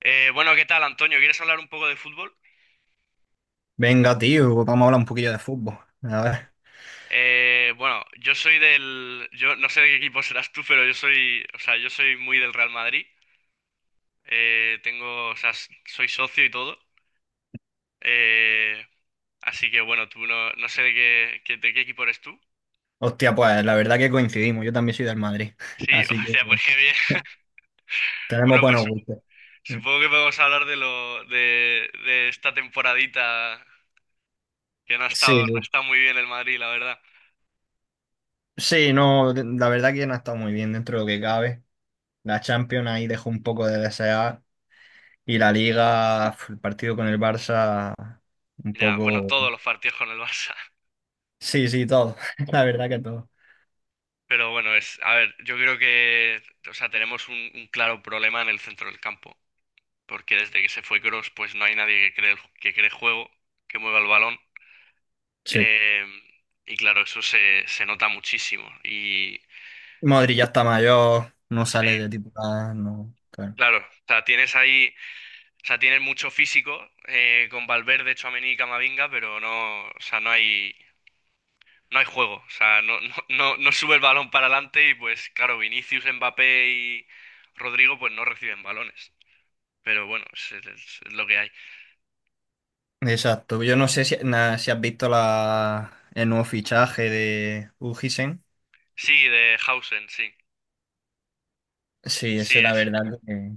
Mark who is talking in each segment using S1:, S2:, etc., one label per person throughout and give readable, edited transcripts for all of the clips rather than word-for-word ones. S1: Bueno, ¿Qué tal, Antonio? ¿Quieres hablar un poco de fútbol?
S2: Venga, tío, vamos a hablar un poquillo de fútbol. A ver.
S1: Bueno, yo no sé de qué equipo serás tú, pero yo soy muy del Real Madrid. Soy socio y todo. Eh, así que bueno, tú no, no sé de qué equipo eres tú.
S2: Hostia, pues la verdad que coincidimos. Yo también soy del Madrid.
S1: Sí, o
S2: Así que
S1: sea, pues qué bien.
S2: tenemos
S1: Bueno,
S2: buenos gustos.
S1: supongo que podemos hablar de esta temporadita que
S2: Sí,
S1: no ha
S2: sí.
S1: estado muy bien el Madrid, la verdad.
S2: Sí, no, la verdad que no ha estado muy bien dentro de lo que cabe. La Champions ahí dejó un poco de desear. Y la Liga, pf, el partido con el Barça, un
S1: Ya, bueno,
S2: poco.
S1: todos los partidos con el Barça.
S2: Sí, sí, todo. La verdad que todo.
S1: Pero bueno, es, a ver, yo creo que, o sea, tenemos un claro problema en el centro del campo, porque desde que se fue Kroos, pues no hay nadie que cree, que cree juego, que mueva el balón,
S2: Sí.
S1: eh, y claro, eso se, se nota muchísimo. Y
S2: Modri ya está mayor, no
S1: sí,
S2: sale de titular, no, claro.
S1: claro, o sea, tienes ahí, o sea, tienes mucho físico con Valverde, Tchouaméni y Camavinga, pero no, o sea, no hay, no hay juego, o sea, no, no, no, no sube el balón para adelante y pues claro, Vinicius, Mbappé y Rodrigo, pues no reciben balones. Pero bueno, es, es lo que hay.
S2: Exacto. Yo no sé si, si has visto el nuevo fichaje de Ujisen.
S1: Sí, de Hausen, sí.
S2: Sí,
S1: Sí
S2: ese la
S1: es.
S2: verdad que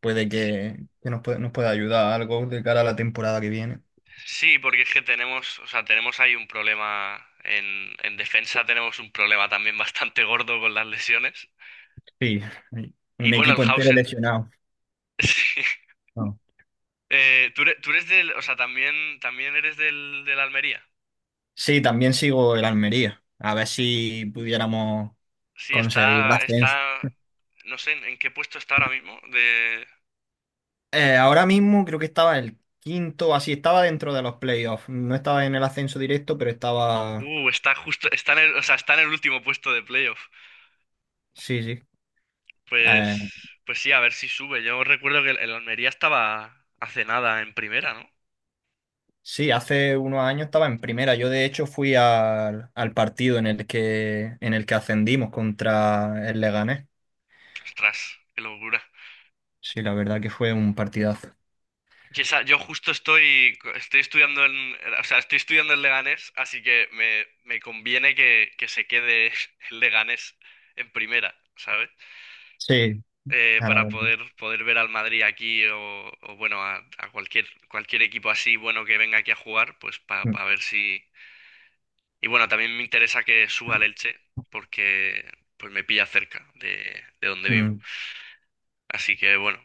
S1: Sí,
S2: que nos puede, nos pueda ayudar a algo de cara a la temporada que viene.
S1: sí, porque es que tenemos, o sea, tenemos ahí un problema en defensa, tenemos un problema también bastante gordo con las lesiones.
S2: Sí,
S1: Y
S2: un
S1: bueno, el
S2: equipo entero
S1: Hausen,
S2: lesionado.
S1: sí.
S2: No.
S1: Tú eres del, o sea, también, también eres del, del Almería.
S2: Sí, también sigo el Almería. A ver si pudiéramos
S1: Sí,
S2: conseguir el
S1: está,
S2: ascenso.
S1: está, no sé en qué puesto está ahora mismo. De,
S2: Ahora mismo creo que estaba el quinto, así estaba dentro de los playoffs. No estaba en el ascenso directo, pero estaba.
S1: está justo, está en el, o sea, está en el último puesto de playoff.
S2: Sí, sí.
S1: Pues,
S2: Eh,
S1: pues sí, a ver si sube. Yo recuerdo que el Almería estaba hace nada en primera, ¿no?
S2: sí, hace unos años estaba en primera. Yo de hecho fui al, al partido en el que ascendimos contra el Leganés.
S1: Ostras, qué locura.
S2: Sí, la verdad que fue un partidazo.
S1: Yo justo estoy, estoy estudiando en, o sea, estoy estudiando en Leganés, así que me conviene que se quede el Leganés en primera, ¿sabes?
S2: Sí, a la verdad.
S1: Poder ver al Madrid aquí o bueno, a cualquier, cualquier equipo así bueno que venga aquí a jugar, pues para
S2: Mm,
S1: ver si, y bueno, también me interesa que suba el Elche, porque pues me pilla cerca de donde vivo.
S2: mm.
S1: Así que bueno.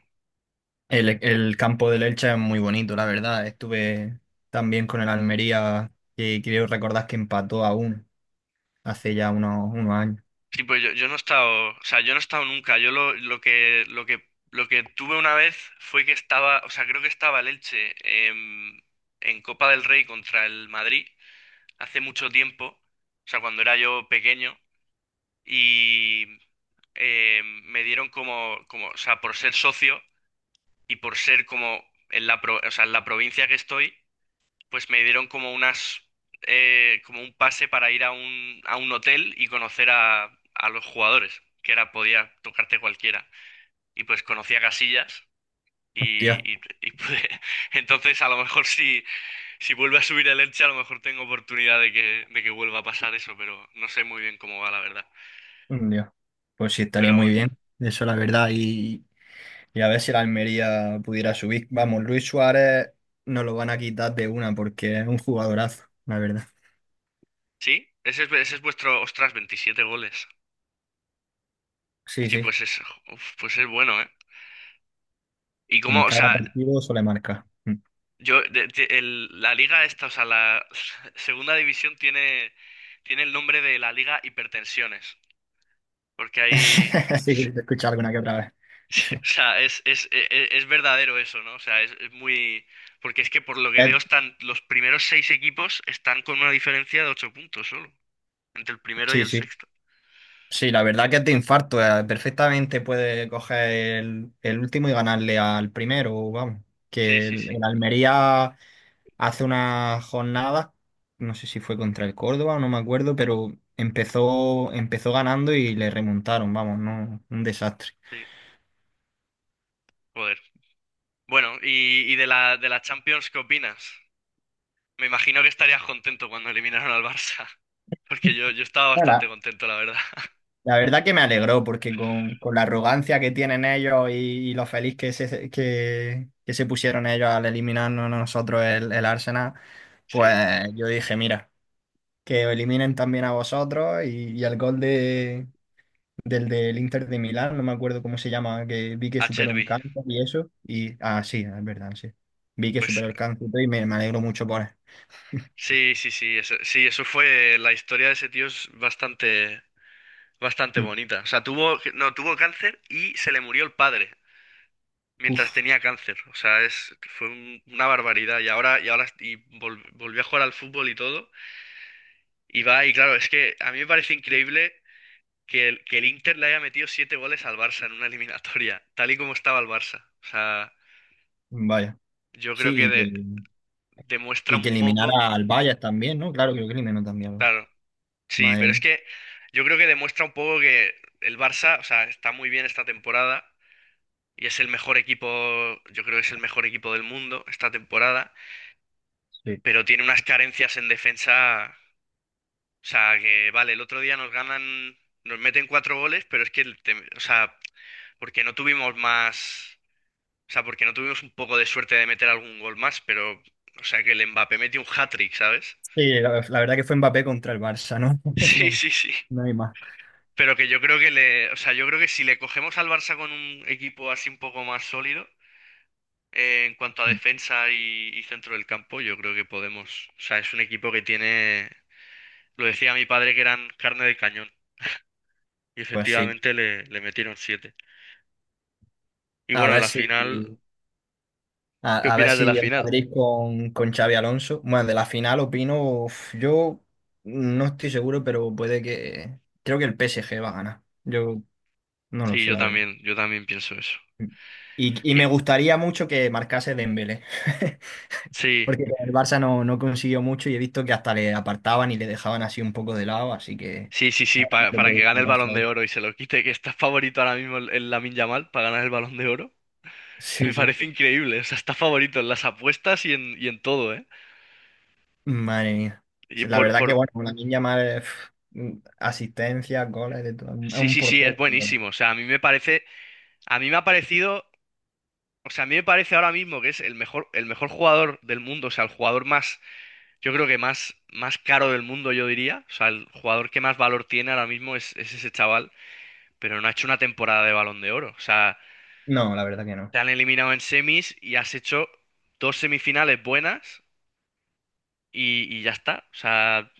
S2: El campo del Elche es muy bonito, la verdad. Estuve también con el Almería, que quiero recordar que empató a uno hace ya unos, unos años.
S1: Sí, pues yo no he estado, o sea, yo no he estado nunca. Yo lo que, lo que, Lo que tuve una vez fue que estaba, o sea, creo que estaba el Elche en, en Copa del Rey contra el Madrid hace mucho tiempo, o sea, cuando era yo pequeño, y me dieron como, como, o sea, por ser socio y por ser como en la, o sea, en la provincia que estoy. Pues me dieron como unas, como un pase para ir a un hotel y conocer a los jugadores, que era, podía tocarte cualquiera. Y pues conocí a Casillas
S2: Dios,
S1: y pude. Entonces, a lo mejor si, si vuelve a subir el Elche, a lo mejor tengo oportunidad de que vuelva a pasar eso, pero no sé muy bien cómo va, la verdad.
S2: Dios. Pues sí, estaría
S1: Pero
S2: muy
S1: bueno,
S2: bien. Eso, la verdad. Y, y a ver si la Almería pudiera subir. Vamos, Luis Suárez nos lo van a quitar de una porque es un jugadorazo, la verdad.
S1: sí, ese es vuestro, ostras, 27 goles.
S2: Sí,
S1: Sí,
S2: sí.
S1: pues es, uf, pues es bueno, ¿eh? ¿Y
S2: En
S1: cómo, o
S2: cada
S1: sea,
S2: partido suele marcar. Mm.
S1: yo, la liga esta, o sea, la segunda división tiene, tiene el nombre de la liga hipertensiones, porque hay,
S2: Sí, sí, te he escuchado alguna que otra
S1: sí,
S2: vez.
S1: o sea, es, es verdadero eso, ¿no? O sea, es muy, porque es que por lo que veo
S2: Es-
S1: están, los primeros seis equipos están con una diferencia de ocho puntos solo, entre el primero y
S2: sí,
S1: el
S2: sí.
S1: sexto.
S2: Sí, la verdad que es de infarto. Perfectamente puede coger el último y ganarle al primero, vamos.
S1: Sí,
S2: Que
S1: sí, sí,
S2: el Almería hace unas jornadas, no sé si fue contra el Córdoba, no me acuerdo, pero empezó ganando y le remontaron, vamos, no, un desastre.
S1: sí, joder. Bueno, y de la Champions, ¿qué opinas? Me imagino que estarías contento cuando eliminaron al Barça, porque yo estaba bastante
S2: Ahora,
S1: contento, la verdad.
S2: la verdad que me alegró porque con la arrogancia que tienen ellos y lo feliz que que se pusieron ellos al eliminarnos a nosotros el Arsenal,
S1: Sí.
S2: pues yo dije, mira, que os eliminen también a vosotros y el gol de, del Inter de Milán, no me acuerdo cómo se llama, que vi que
S1: A
S2: superó un
S1: Cherby.
S2: cáncer y eso. Y, ah, sí, es verdad, sí. Vi que
S1: Pues
S2: superó el cáncer y me alegro mucho por él.
S1: sí, sí, sí, eso fue, la historia de ese tío es bastante, bastante
S2: Mm,
S1: bonita. O sea, tuvo, no, tuvo cáncer y se le murió el padre mientras
S2: uf,
S1: tenía cáncer. O sea, es, una barbaridad. Y ahora, y ahora, y volvió a jugar al fútbol y todo. Y va, y claro, es que a mí me parece increíble que el Inter le haya metido siete goles al Barça en una eliminatoria, tal y como estaba el Barça. O sea,
S2: vaya.
S1: yo creo
S2: Sí,
S1: que demuestra
S2: y que
S1: un poco,
S2: eliminara al Bayern también, ¿no? Claro, creo que eliminó también
S1: claro. Sí,
S2: Madre
S1: pero es
S2: mía.
S1: que yo creo que demuestra un poco que el Barça, o sea, está muy bien esta temporada y es el mejor equipo, yo creo que es el mejor equipo del mundo esta temporada,
S2: Sí.
S1: pero tiene unas carencias en defensa, o sea, que vale, el otro día nos ganan, nos meten cuatro goles, pero es que, o sea, porque no tuvimos más, o sea, porque no tuvimos un poco de suerte de meter algún gol más, pero, o sea, que el Mbappé metió un hat-trick, ¿sabes?
S2: Sí, la verdad que fue Mbappé contra el Barça, ¿no?
S1: Sí,
S2: No,
S1: sí, sí.
S2: no hay más.
S1: Pero que yo creo que le, o sea, yo creo que si le cogemos al Barça con un equipo así un poco más sólido, en cuanto a
S2: Mm,
S1: defensa y centro del campo, yo creo que podemos. O sea, es un equipo que tiene, lo decía mi padre que eran carne de cañón. Y
S2: pues sí.
S1: efectivamente le, le metieron siete. Y
S2: A
S1: bueno,
S2: ver
S1: la
S2: si,
S1: final, ¿qué
S2: a ver
S1: opinas de la
S2: si el
S1: final?
S2: Madrid con Xavi Alonso. Bueno, de la final opino, uf, yo no estoy seguro, pero puede que… Creo que el PSG va a ganar. Yo no lo
S1: Sí,
S2: sé, la verdad.
S1: yo también pienso eso.
S2: Y
S1: Y
S2: me gustaría mucho que marcase Dembélé,
S1: sí,
S2: porque con el Barça no, no consiguió mucho y he visto que hasta le apartaban y le dejaban así un poco de lado, así que…
S1: sí, sí, sí,
S2: Pero
S1: para que
S2: puede que
S1: gane el
S2: alcance
S1: Balón
S2: ahí.
S1: de Oro y se lo quite, que está favorito ahora mismo el, la Lamine Yamal para ganar el Balón de Oro. Me
S2: Sí, sí.
S1: parece increíble, o sea, está favorito en las apuestas y en todo, ¿eh?
S2: Madre mía.
S1: Y
S2: Sí, la verdad que,
S1: por...
S2: bueno, una niña más asistencia, goles, de todo. Es
S1: Sí,
S2: un
S1: sí, sí, es
S2: portento,
S1: buenísimo, o sea, a mí me parece, a mí me ha parecido, o sea, a mí me parece ahora mismo que es el mejor jugador del mundo, o sea, el jugador más, yo creo que más, más caro del mundo, yo diría, o sea, el jugador que más valor tiene ahora mismo es ese chaval, pero no ha hecho una temporada de Balón de Oro, o sea,
S2: No, la verdad que no.
S1: te han eliminado en semis y has hecho dos semifinales buenas y ya está, o sea...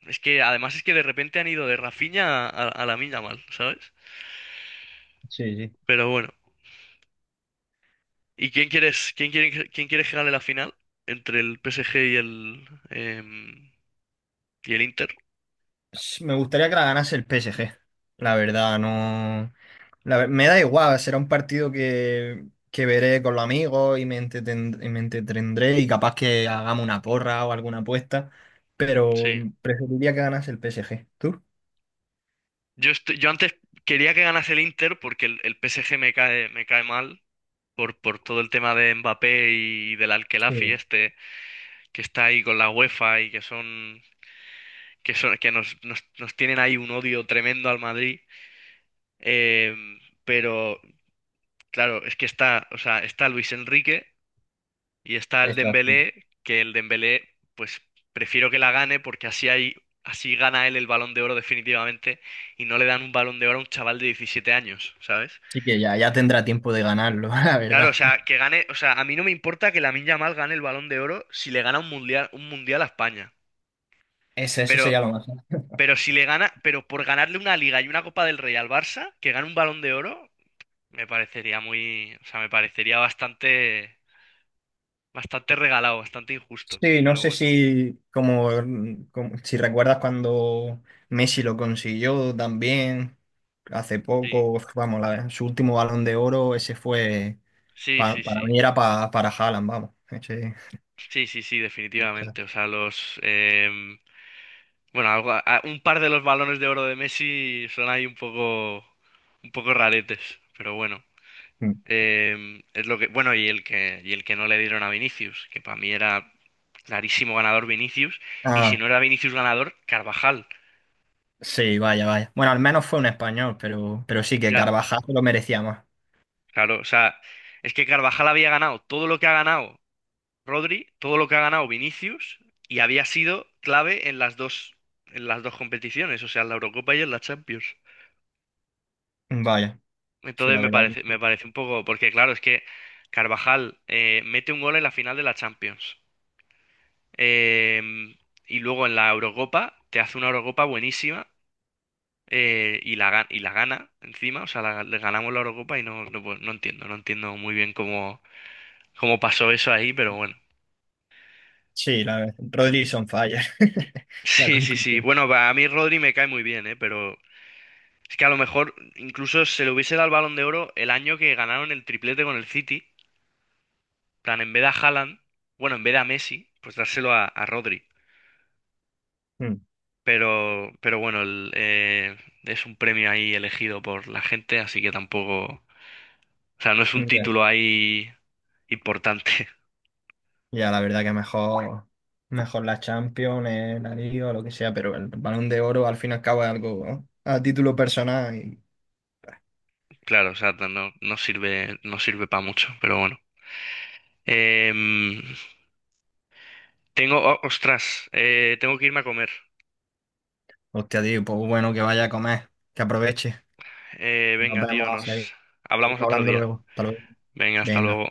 S1: Es que además es que de repente han ido de Rafinha a mal, ¿sabes?
S2: Sí, sí.
S1: Pero bueno. ¿Y quién quieres, quién quiere, quién quiere que gane la final? Entre el PSG y y el Inter.
S2: Sí, me gustaría que la ganase el PSG. La verdad, no. Me da igual, será un partido que veré con los amigos y y me entretendré y capaz que hagamos una porra o alguna apuesta, pero
S1: Sí.
S2: preferiría que ganase el PSG. ¿Tú?
S1: Yo antes quería que ganase el Inter porque el PSG me cae mal por todo el tema de Mbappé y del Al-Khelafi
S2: Sí,
S1: este que está ahí con la UEFA y que son que son que nos, nos, nos tienen ahí un odio tremendo al Madrid. Em, pero claro, es que está, o sea, está Luis Enrique y está el
S2: exacto.
S1: Dembélé, que el Dembélé, pues prefiero que la gane porque así hay, así gana él el Balón de Oro definitivamente y no le dan un Balón de Oro a un chaval de 17 años, ¿sabes?
S2: Así que ya, ya tendrá tiempo de ganarlo, la
S1: Claro, o
S2: verdad.
S1: sea, que gane, o sea, a mí no me importa que Lamine Yamal gane el Balón de Oro si le gana un mundial a España.
S2: Ese, eso
S1: Pero,
S2: sería lo más.
S1: pero si le gana, pero por ganarle una Liga y una Copa del Rey al Barça, que gane un Balón de Oro, me parecería muy, o sea, me parecería bastante bastante regalado, bastante injusto,
S2: Sí, no
S1: pero
S2: sé
S1: bueno,
S2: si como, mm, si recuerdas cuando Messi lo consiguió también hace
S1: sí,
S2: poco, vamos, su último balón de oro, ese fue
S1: sí, sí,
S2: para
S1: sí,
S2: mí era para Haaland, vamos,
S1: sí, sí, sí,
S2: esa-
S1: definitivamente. O sea, los, bueno, un par de los balones de oro de Messi son ahí un poco raretes, pero bueno,
S2: mm.
S1: Es lo que, bueno, y el que no le dieron a Vinicius, que para mí era clarísimo ganador Vinicius, y si
S2: Ah,
S1: no era Vinicius ganador, Carvajal.
S2: sí, vaya, vaya. Bueno, al menos fue un español, pero sí que
S1: Ya,
S2: Carvajal lo merecía más.
S1: claro, o sea, es que Carvajal había ganado todo lo que ha ganado Rodri, todo lo que ha ganado Vinicius y había sido clave en las dos competiciones, o sea, en la Eurocopa y en la Champions.
S2: Vaya, sí,
S1: Entonces
S2: la verdad que
S1: me
S2: sí.
S1: parece un poco, porque claro, es que Carvajal mete un gol en la final de la Champions. Eh, y luego en la Eurocopa te hace una Eurocopa buenísima, y la, y la gana encima, o sea, la- le ganamos la Eurocopa y no, no, pues, no entiendo, no entiendo muy bien cómo, cómo pasó eso ahí, pero bueno.
S2: Sí, la verdad. Rodri is on fire. La
S1: Sí, sí, sí.
S2: conclusión.
S1: Bueno, a mí Rodri me cae muy bien, ¿eh? Pero es que a lo mejor incluso se le hubiese dado el Balón de Oro el año que ganaron el triplete con el City. En plan, en vez de a Haaland, bueno, en vez de a Messi, pues dárselo a Rodri.
S2: Mm,
S1: Pero bueno, es un premio ahí elegido por la gente, así que tampoco. O sea, no es un
S2: ok.
S1: título ahí importante.
S2: Ya, la verdad que mejor, mejor la Champions, la Liga, lo que sea, pero el Balón de Oro al fin y al cabo es algo, ¿no? A título personal. Y,
S1: Claro, o sea, no, no sirve, no sirve para mucho, pero bueno. Em, Tengo. Oh, ostras, tengo que irme a comer.
S2: hostia, tío, pues bueno, que vaya a comer, que aproveche. Nos
S1: Venga, tío,
S2: vemos, seguimos
S1: nos hablamos otro
S2: hablando
S1: día.
S2: luego. Hasta luego.
S1: Venga, hasta
S2: Venga.
S1: luego.